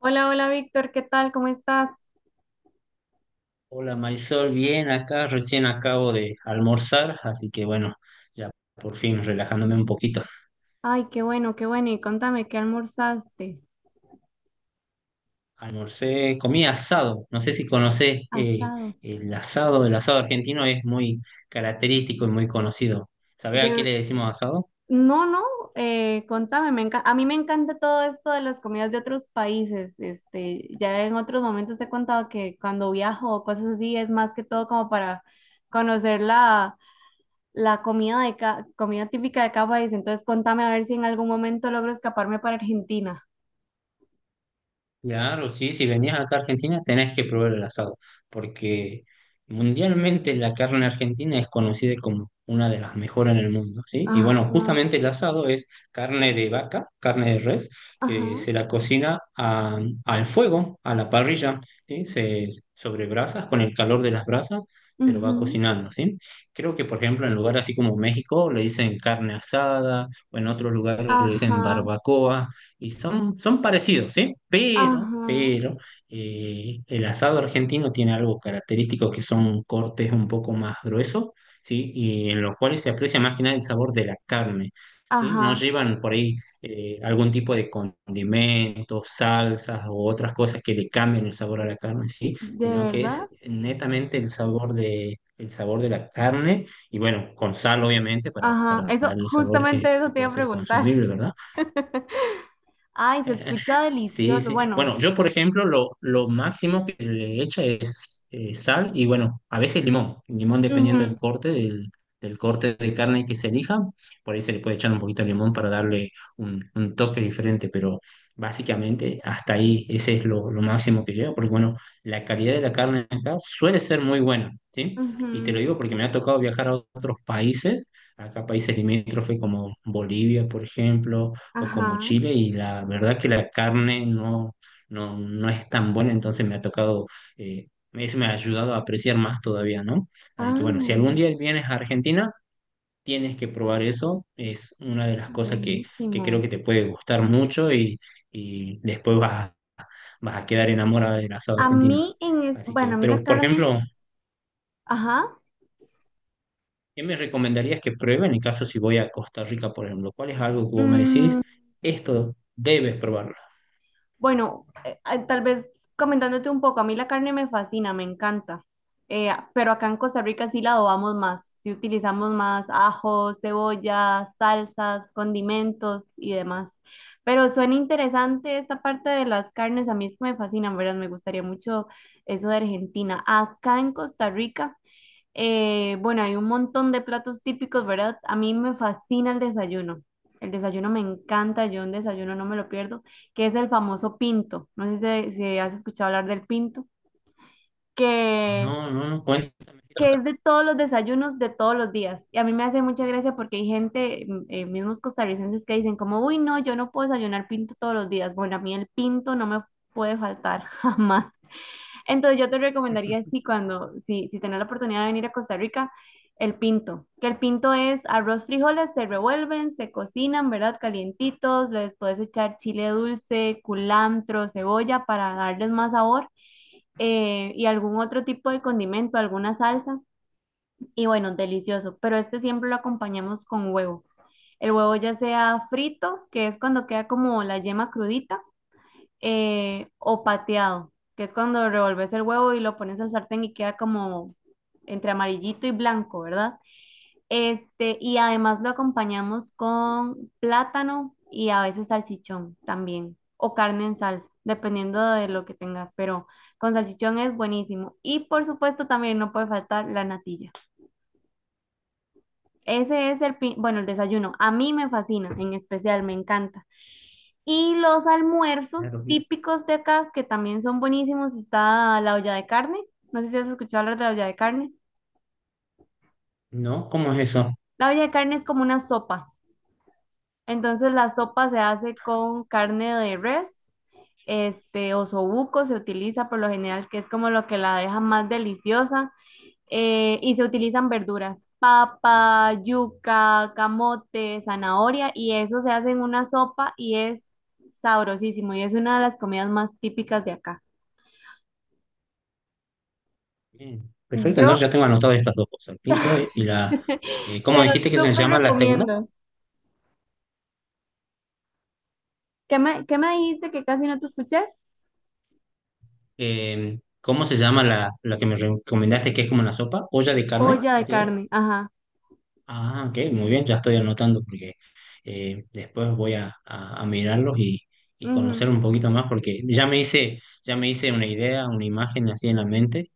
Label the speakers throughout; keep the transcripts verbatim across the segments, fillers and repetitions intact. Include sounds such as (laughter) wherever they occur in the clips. Speaker 1: Hola, hola Víctor, ¿qué tal? ¿Cómo estás?
Speaker 2: Hola Marisol, bien acá, recién acabo de almorzar, así que bueno, ya por fin relajándome un poquito.
Speaker 1: Ay, qué bueno, qué bueno. Y contame, ¿qué almorzaste?
Speaker 2: Almorcé, comí asado, no sé si conocés eh,
Speaker 1: Asado.
Speaker 2: el asado, el asado argentino es muy característico y muy conocido. ¿Sabés a qué
Speaker 1: De...
Speaker 2: le decimos asado?
Speaker 1: No, no, eh, contame, me enca- a mí me encanta todo esto de las comidas de otros países. Este, ya en otros momentos te he contado que cuando viajo o cosas así es más que todo como para conocer la, la comida de ca- comida típica de cada país. Entonces, contame a ver si en algún momento logro escaparme para Argentina.
Speaker 2: Claro, sí, si venías acá a Argentina tenés que probar el asado, porque mundialmente la carne argentina es conocida como una de las mejores en el mundo, ¿sí? Y
Speaker 1: Ajá,
Speaker 2: bueno, justamente el asado es carne de vaca, carne de res, que
Speaker 1: ajá.
Speaker 2: se la cocina a- al fuego, a la parrilla, ¿sí? Se, sobre brasas, con el calor de las brasas, se lo va
Speaker 1: Ujú.
Speaker 2: cocinando, ¿sí? Creo que, por ejemplo, en lugares así como México le dicen carne asada, o en otros lugares le dicen
Speaker 1: Ajá,
Speaker 2: barbacoa y son, son parecidos, ¿sí? Pero,
Speaker 1: ajá.
Speaker 2: pero eh, el asado argentino tiene algo característico que son cortes un poco más gruesos, ¿sí? Y en los cuales se aprecia más que nada el sabor de la carne, ¿sí? No
Speaker 1: Ajá.
Speaker 2: llevan por ahí eh, algún tipo de condimentos, salsas o otras cosas que le cambien el sabor a la carne, ¿sí?
Speaker 1: ¿De
Speaker 2: Sino que es
Speaker 1: verdad?
Speaker 2: netamente el sabor de, el sabor de la carne y bueno, con sal obviamente para,
Speaker 1: Ajá,
Speaker 2: para
Speaker 1: eso,
Speaker 2: dar el sabor que,
Speaker 1: justamente
Speaker 2: que
Speaker 1: eso te iba
Speaker 2: pueda
Speaker 1: a
Speaker 2: ser
Speaker 1: preguntar.
Speaker 2: consumible, ¿verdad?
Speaker 1: (laughs) Ay, se escucha
Speaker 2: (laughs) Sí,
Speaker 1: delicioso.
Speaker 2: sí.
Speaker 1: Bueno.
Speaker 2: Bueno, yo, por ejemplo, lo, lo máximo que le echa es eh, sal y, bueno, a veces limón. Limón dependiendo del corte, del, del corte de carne que se elija. Por ahí se le puede echar un poquito de limón para darle un, un toque diferente, pero básicamente hasta ahí ese es lo, lo máximo que llevo, porque, bueno, la calidad de la carne acá suele ser muy buena, ¿sí?
Speaker 1: Ujú,
Speaker 2: Y te lo
Speaker 1: ujú.
Speaker 2: digo porque me ha tocado viajar a otros países, acá países limítrofes como Bolivia, por ejemplo, o como
Speaker 1: Ajá.
Speaker 2: Chile y la verdad que la carne no, no, no es tan buena, entonces me ha tocado, eh, eso me ha ayudado a apreciar más todavía, ¿no? Así que bueno, si algún
Speaker 1: Ah,
Speaker 2: día vienes a Argentina, tienes que probar eso, es una de las cosas que, que creo
Speaker 1: buenísimo.
Speaker 2: que te puede gustar mucho y, y después vas, a- vas a quedar enamorada del asado
Speaker 1: A
Speaker 2: argentino.
Speaker 1: mí en es,
Speaker 2: Así
Speaker 1: bueno,
Speaker 2: que,
Speaker 1: a mí la
Speaker 2: pero por
Speaker 1: carne,
Speaker 2: ejemplo...
Speaker 1: ajá.
Speaker 2: ¿Qué me recomendarías que pruebe en el caso si voy a Costa Rica, por ejemplo? ¿Cuál es algo que vos me decís?
Speaker 1: mm,
Speaker 2: Esto debes probarlo.
Speaker 1: Bueno, eh, eh, tal vez comentándote un poco, a mí la carne me fascina, me encanta. Eh, pero acá en Costa Rica sí la adobamos más, sí utilizamos más ajos, cebollas, salsas, condimentos y demás. Pero suena interesante esta parte de las carnes, a mí es que me fascinan, ¿verdad? Me gustaría mucho eso de Argentina. Acá en Costa Rica. Eh, bueno, hay un montón de platos típicos, ¿verdad? A mí me fascina el desayuno. El desayuno me encanta, yo un desayuno no me lo pierdo, que es el famoso pinto. No sé si, si has escuchado hablar del pinto, que,
Speaker 2: No, no, no, cuéntame.
Speaker 1: que es de todos los desayunos de todos los días. Y a mí me hace mucha gracia porque hay gente, mm, eh, mismos costarricenses, que dicen como, uy, no, yo no puedo desayunar pinto todos los días. Bueno, a mí el pinto no me puede faltar (laughs) jamás. Entonces yo te recomendaría
Speaker 2: (laughs)
Speaker 1: si cuando, si, si tenés la oportunidad de venir a Costa Rica, el pinto, que el pinto es arroz, frijoles, se revuelven, se cocinan, ¿verdad? Calientitos, les puedes echar chile dulce, culantro, cebolla para darles más sabor, eh, y algún otro tipo de condimento, alguna salsa y bueno, delicioso, pero este siempre lo acompañamos con huevo. El huevo ya sea frito, que es cuando queda como la yema crudita, eh, o pateado, que es cuando revolves el huevo y lo pones al sartén y queda como entre amarillito y blanco, ¿verdad? Este, y además lo acompañamos con plátano y a veces salchichón también, o carne en salsa, dependiendo de lo que tengas, pero con salchichón es buenísimo. Y por supuesto también no puede faltar la natilla. Ese es el, pi- bueno, el desayuno. A mí me fascina, en especial, me encanta. Y los almuerzos
Speaker 2: Claro, sí.
Speaker 1: típicos de acá, que también son buenísimos, está la olla de carne. No sé si has escuchado hablar de la olla de carne.
Speaker 2: No, ¿cómo es eso?
Speaker 1: La olla de carne es como una sopa. Entonces la sopa se hace con carne de res, este, o osobuco se utiliza por lo general, que es como lo que la deja más deliciosa. Eh, y se utilizan verduras, papa, yuca, camote, zanahoria, y eso se hace en una sopa y es sabrosísimo y es una de las comidas más típicas de acá.
Speaker 2: Bien, perfecto,
Speaker 1: Yo
Speaker 2: entonces ya tengo anotado estas dos cosas, el pinto y, y la...
Speaker 1: (laughs)
Speaker 2: eh,
Speaker 1: te
Speaker 2: ¿cómo
Speaker 1: lo
Speaker 2: dijiste que se
Speaker 1: súper
Speaker 2: llama la segunda?
Speaker 1: recomiendo. ¿Qué me, ¿qué me dijiste que casi no te escuché?
Speaker 2: Eh, ¿cómo se llama la, la que me recomendaste que es como una sopa? ¿Olla de
Speaker 1: Olla
Speaker 2: carne?
Speaker 1: de
Speaker 2: ¿Así era?
Speaker 1: carne, ajá.
Speaker 2: Ah, ok, muy bien, ya estoy anotando porque eh, después voy a, a- a mirarlos y, y conocer
Speaker 1: Ujú.
Speaker 2: un poquito más porque ya me hice, ya me hice una idea, una imagen así en la mente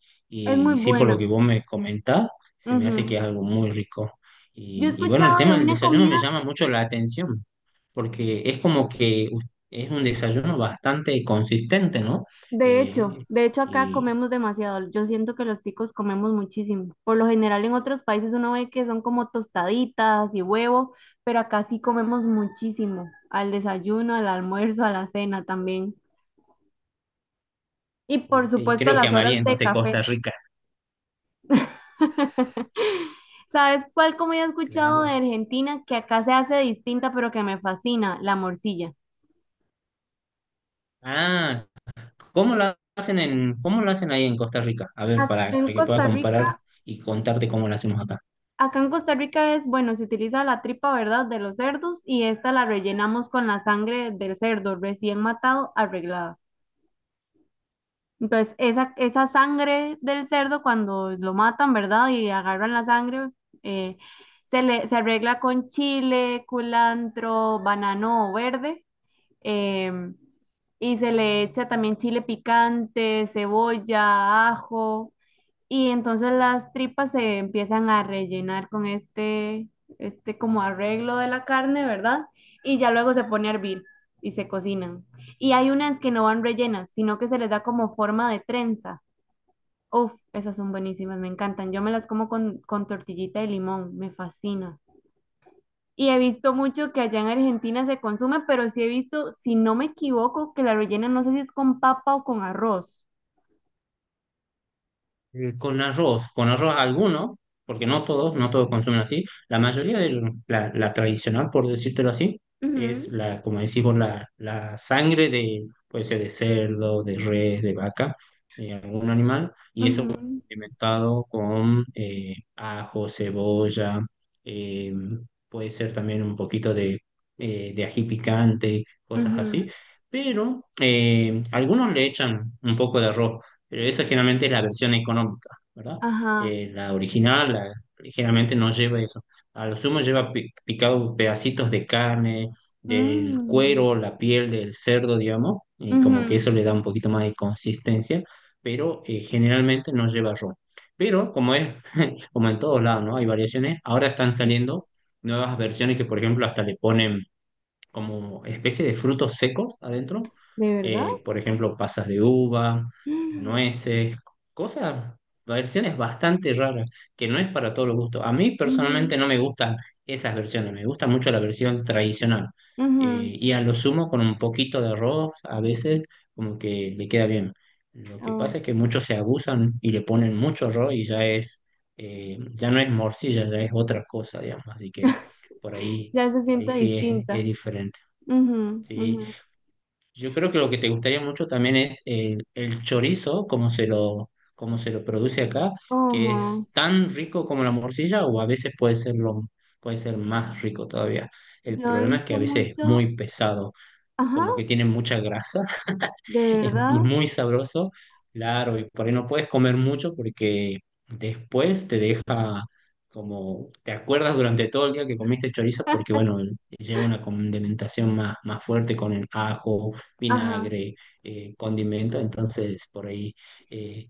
Speaker 1: Es muy
Speaker 2: y sí, por lo
Speaker 1: buena.
Speaker 2: que vos me comentás, se me hace
Speaker 1: Ujú.
Speaker 2: que es algo muy rico.
Speaker 1: Yo he
Speaker 2: Y, y bueno, el
Speaker 1: escuchado de
Speaker 2: tema del
Speaker 1: una
Speaker 2: desayuno me
Speaker 1: comida,
Speaker 2: llama mucho la atención porque es como que us- es un desayuno bastante consistente, ¿no?
Speaker 1: de hecho,
Speaker 2: Eh,
Speaker 1: de hecho acá
Speaker 2: y,
Speaker 1: comemos demasiado. Yo siento que los ticos comemos muchísimo. Por lo general en otros países uno ve que son como tostaditas y huevo, pero acá sí comemos muchísimo. Al desayuno, al almuerzo, a la cena también. Y por
Speaker 2: y
Speaker 1: supuesto
Speaker 2: creo que
Speaker 1: las
Speaker 2: amaría
Speaker 1: horas de
Speaker 2: entonces Costa
Speaker 1: café.
Speaker 2: Rica,
Speaker 1: (laughs) ¿Sabes cuál comida he escuchado de
Speaker 2: claro.
Speaker 1: Argentina que acá se hace distinta pero que me fascina? La morcilla.
Speaker 2: Ah, ¿cómo lo hacen en, cómo lo hacen ahí en Costa Rica? A ver,
Speaker 1: Acá
Speaker 2: para,
Speaker 1: en
Speaker 2: para que pueda
Speaker 1: Costa
Speaker 2: comparar
Speaker 1: Rica,
Speaker 2: y contarte cómo lo hacemos acá.
Speaker 1: acá en Costa Rica es, bueno, se utiliza la tripa, ¿verdad?, de los cerdos y esta la rellenamos con la sangre del cerdo recién matado, arreglada. Entonces, esa, esa sangre del cerdo, cuando lo matan, ¿verdad?, y agarran la sangre, eh, se le, se arregla con chile, culantro, banano verde, em, y se le echa también chile picante, cebolla, ajo, y entonces las tripas se empiezan a rellenar con este, este como arreglo de la carne, ¿verdad? Y ya luego se pone a hervir y se cocinan. Y hay unas que no van rellenas, sino que se les da como forma de trenza. Uf, esas son buenísimas, me encantan. Yo me las como con, con tortillita de limón, me fascina. Y he visto mucho que allá en Argentina se consume, pero sí he visto, si no me equivoco, que la rellenan, no sé si es con papa o con arroz.
Speaker 2: Eh, Con arroz, con arroz alguno, porque no todos, no todos consumen así. La mayoría de lo- la, la tradicional, por decírtelo así, es
Speaker 1: Ujú.
Speaker 2: la, como decimos, la, la sangre de, puede ser de cerdo, de res, de vaca, de algún animal, y eso bueno,
Speaker 1: Ujú,
Speaker 2: alimentado con eh, ajo, cebolla, eh, puede ser también un poquito de, eh, de ají picante, cosas
Speaker 1: ujú.
Speaker 2: así. Pero eh, algunos le echan un poco de arroz, pero esa generalmente es la versión económica, ¿verdad?
Speaker 1: Ajá.
Speaker 2: Eh, la original la- Generalmente no lleva eso. A lo sumo lleva pi- picado pedacitos de carne, del
Speaker 1: mm,
Speaker 2: cuero, la piel del cerdo, digamos, y como que
Speaker 1: Ujú.
Speaker 2: eso le da un poquito más de consistencia, pero eh, generalmente no lleva ron. Pero como es, (laughs) como en todos lados, ¿no? Hay variaciones, ahora están saliendo nuevas versiones que, por ejemplo, hasta le ponen como especie de frutos secos adentro.
Speaker 1: ¿De verdad?
Speaker 2: eh, por ejemplo, pasas de uva,
Speaker 1: (gasps)
Speaker 2: nueces, cosas, versiones bastante raras, que no es para todos los gustos. A mí
Speaker 1: Mm,
Speaker 2: personalmente
Speaker 1: ujú,
Speaker 2: no me gustan esas versiones, me gusta mucho la versión tradicional.
Speaker 1: ujú.
Speaker 2: Eh, y a lo sumo con un poquito de arroz, a veces como que le queda bien. Lo que
Speaker 1: Oh.
Speaker 2: pasa es que muchos se abusan y le ponen mucho arroz y ya es, eh, ya no es morcilla, ya es otra cosa, digamos. Así que por ahí
Speaker 1: Ya se
Speaker 2: por ahí
Speaker 1: siente
Speaker 2: sí es, es
Speaker 1: distinta.
Speaker 2: diferente.
Speaker 1: Ujú,
Speaker 2: Sí,
Speaker 1: ujú.
Speaker 2: yo creo que lo que te gustaría mucho también es el, el chorizo, como se lo, como se lo produce acá, que
Speaker 1: Ojo.
Speaker 2: es tan rico como la morcilla o a veces puede ser lo, puede ser más rico todavía. El
Speaker 1: Yo he
Speaker 2: problema es que
Speaker 1: visto
Speaker 2: a veces es
Speaker 1: mucho.
Speaker 2: muy pesado,
Speaker 1: Ajá,
Speaker 2: como que tiene mucha grasa,
Speaker 1: ¿de
Speaker 2: es
Speaker 1: verdad?
Speaker 2: muy sabroso, claro, y por ahí no puedes comer mucho porque después te deja como, te acuerdas durante todo el día que comiste chorizo porque, bueno, lleva una condimentación más, más fuerte con el ajo,
Speaker 1: Ajá.
Speaker 2: vinagre, eh, condimento, entonces por ahí, eh,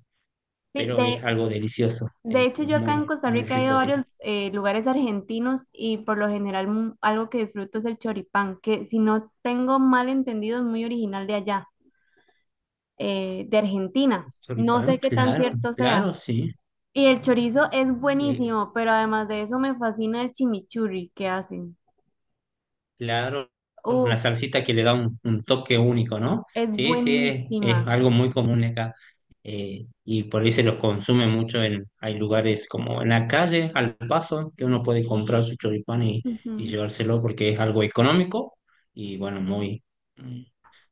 Speaker 1: Sí,
Speaker 2: pero
Speaker 1: de.
Speaker 2: es algo delicioso,
Speaker 1: De
Speaker 2: es
Speaker 1: hecho, yo acá en
Speaker 2: muy,
Speaker 1: Costa
Speaker 2: muy
Speaker 1: Rica he ido
Speaker 2: rico,
Speaker 1: a
Speaker 2: así que
Speaker 1: varios eh, lugares argentinos y por lo general mu- algo que disfruto es el choripán, que si no tengo mal entendido es muy original de allá, eh, de Argentina. No sé
Speaker 2: choripán,
Speaker 1: qué tan
Speaker 2: claro,
Speaker 1: cierto sea.
Speaker 2: claro, sí.
Speaker 1: Y el chorizo es
Speaker 2: eh,
Speaker 1: buenísimo, pero además de eso me fascina el chimichurri que hacen.
Speaker 2: Claro, la
Speaker 1: Uf,
Speaker 2: salsita que le da un, un toque único, ¿no?
Speaker 1: es
Speaker 2: Sí, sí, es, es
Speaker 1: buenísima.
Speaker 2: algo muy común acá. eh, y por ahí se los consume mucho en, hay lugares como en la calle, al paso, que uno puede comprar su choripán y, y
Speaker 1: Ujú,
Speaker 2: llevárselo porque es algo económico y bueno, muy, mm,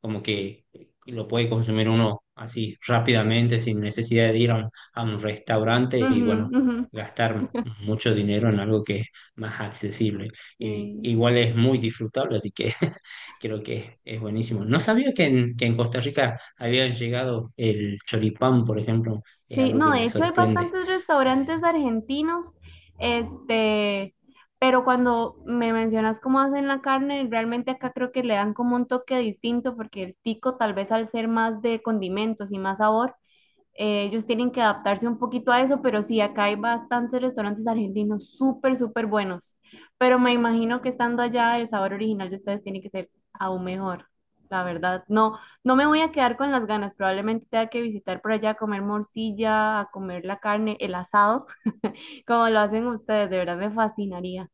Speaker 2: como que lo puede consumir uno así rápidamente sin necesidad de ir a un, a un restaurante y
Speaker 1: ujú,
Speaker 2: bueno,
Speaker 1: ujú,
Speaker 2: gastar mucho dinero en algo que es más accesible y
Speaker 1: sí.
Speaker 2: igual es muy disfrutable, así que (laughs) creo que es buenísimo. No sabía que en, que en Costa Rica había llegado el choripán, por ejemplo, es
Speaker 1: Sí,
Speaker 2: algo
Speaker 1: no,
Speaker 2: que
Speaker 1: de
Speaker 2: me
Speaker 1: hecho hay
Speaker 2: sorprende.
Speaker 1: bastantes
Speaker 2: Eh,
Speaker 1: restaurantes argentinos, este, pero cuando me mencionas cómo hacen la carne, realmente acá creo que le dan como un toque distinto porque el tico tal vez al ser más de condimentos y más sabor, eh, ellos tienen que adaptarse un poquito a eso, pero sí, acá hay bastantes restaurantes argentinos súper, súper buenos. Pero me imagino que estando allá, el sabor original de ustedes tiene que ser aún mejor, la verdad. No, no me voy a quedar con las ganas. Probablemente tenga que visitar por allá a comer morcilla, a comer la carne, el asado, (laughs) como lo hacen ustedes. De verdad me fascinaría.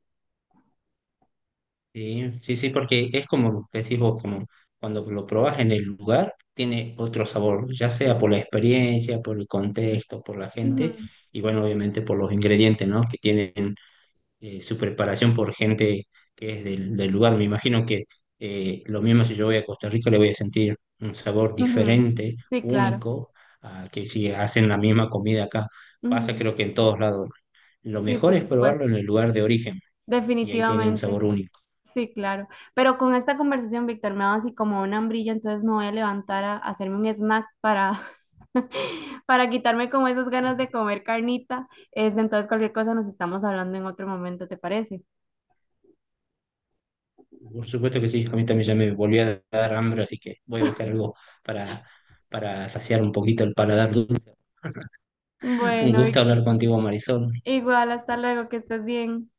Speaker 2: sí, sí, sí, porque es como decís vos, como cuando lo probás en el lugar, tiene otro sabor, ya sea por la experiencia, por el contexto, por la gente,
Speaker 1: Ujú,
Speaker 2: y bueno, obviamente por los ingredientes, ¿no? Que tienen eh, su preparación por gente que es del, del lugar. Me imagino que eh, lo mismo si yo voy a Costa Rica le voy a sentir un sabor
Speaker 1: ujú.
Speaker 2: diferente,
Speaker 1: Sí, claro.
Speaker 2: único, a que si hacen la misma comida acá. Pasa
Speaker 1: Ujú.
Speaker 2: creo que en todos lados. Lo
Speaker 1: Sí,
Speaker 2: mejor
Speaker 1: por
Speaker 2: es
Speaker 1: supuesto.
Speaker 2: probarlo en el lugar de origen y ahí tiene un
Speaker 1: Definitivamente.
Speaker 2: sabor único.
Speaker 1: Sí, claro. Pero con esta conversación, Víctor, me ha dado así como un hambrillo, entonces me voy a levantar a, a hacerme un snack para, (laughs) para quitarme como esas ganas de comer carnita. Este, entonces, cualquier cosa nos estamos hablando en otro momento, ¿te parece?
Speaker 2: Por supuesto que sí, a mí también ya me volvió a dar hambre, así que voy a buscar algo para, para saciar un poquito el paladar. Un
Speaker 1: Bueno, Vic-
Speaker 2: gusto hablar contigo, Marisol.
Speaker 1: igual, hasta luego, que estés bien.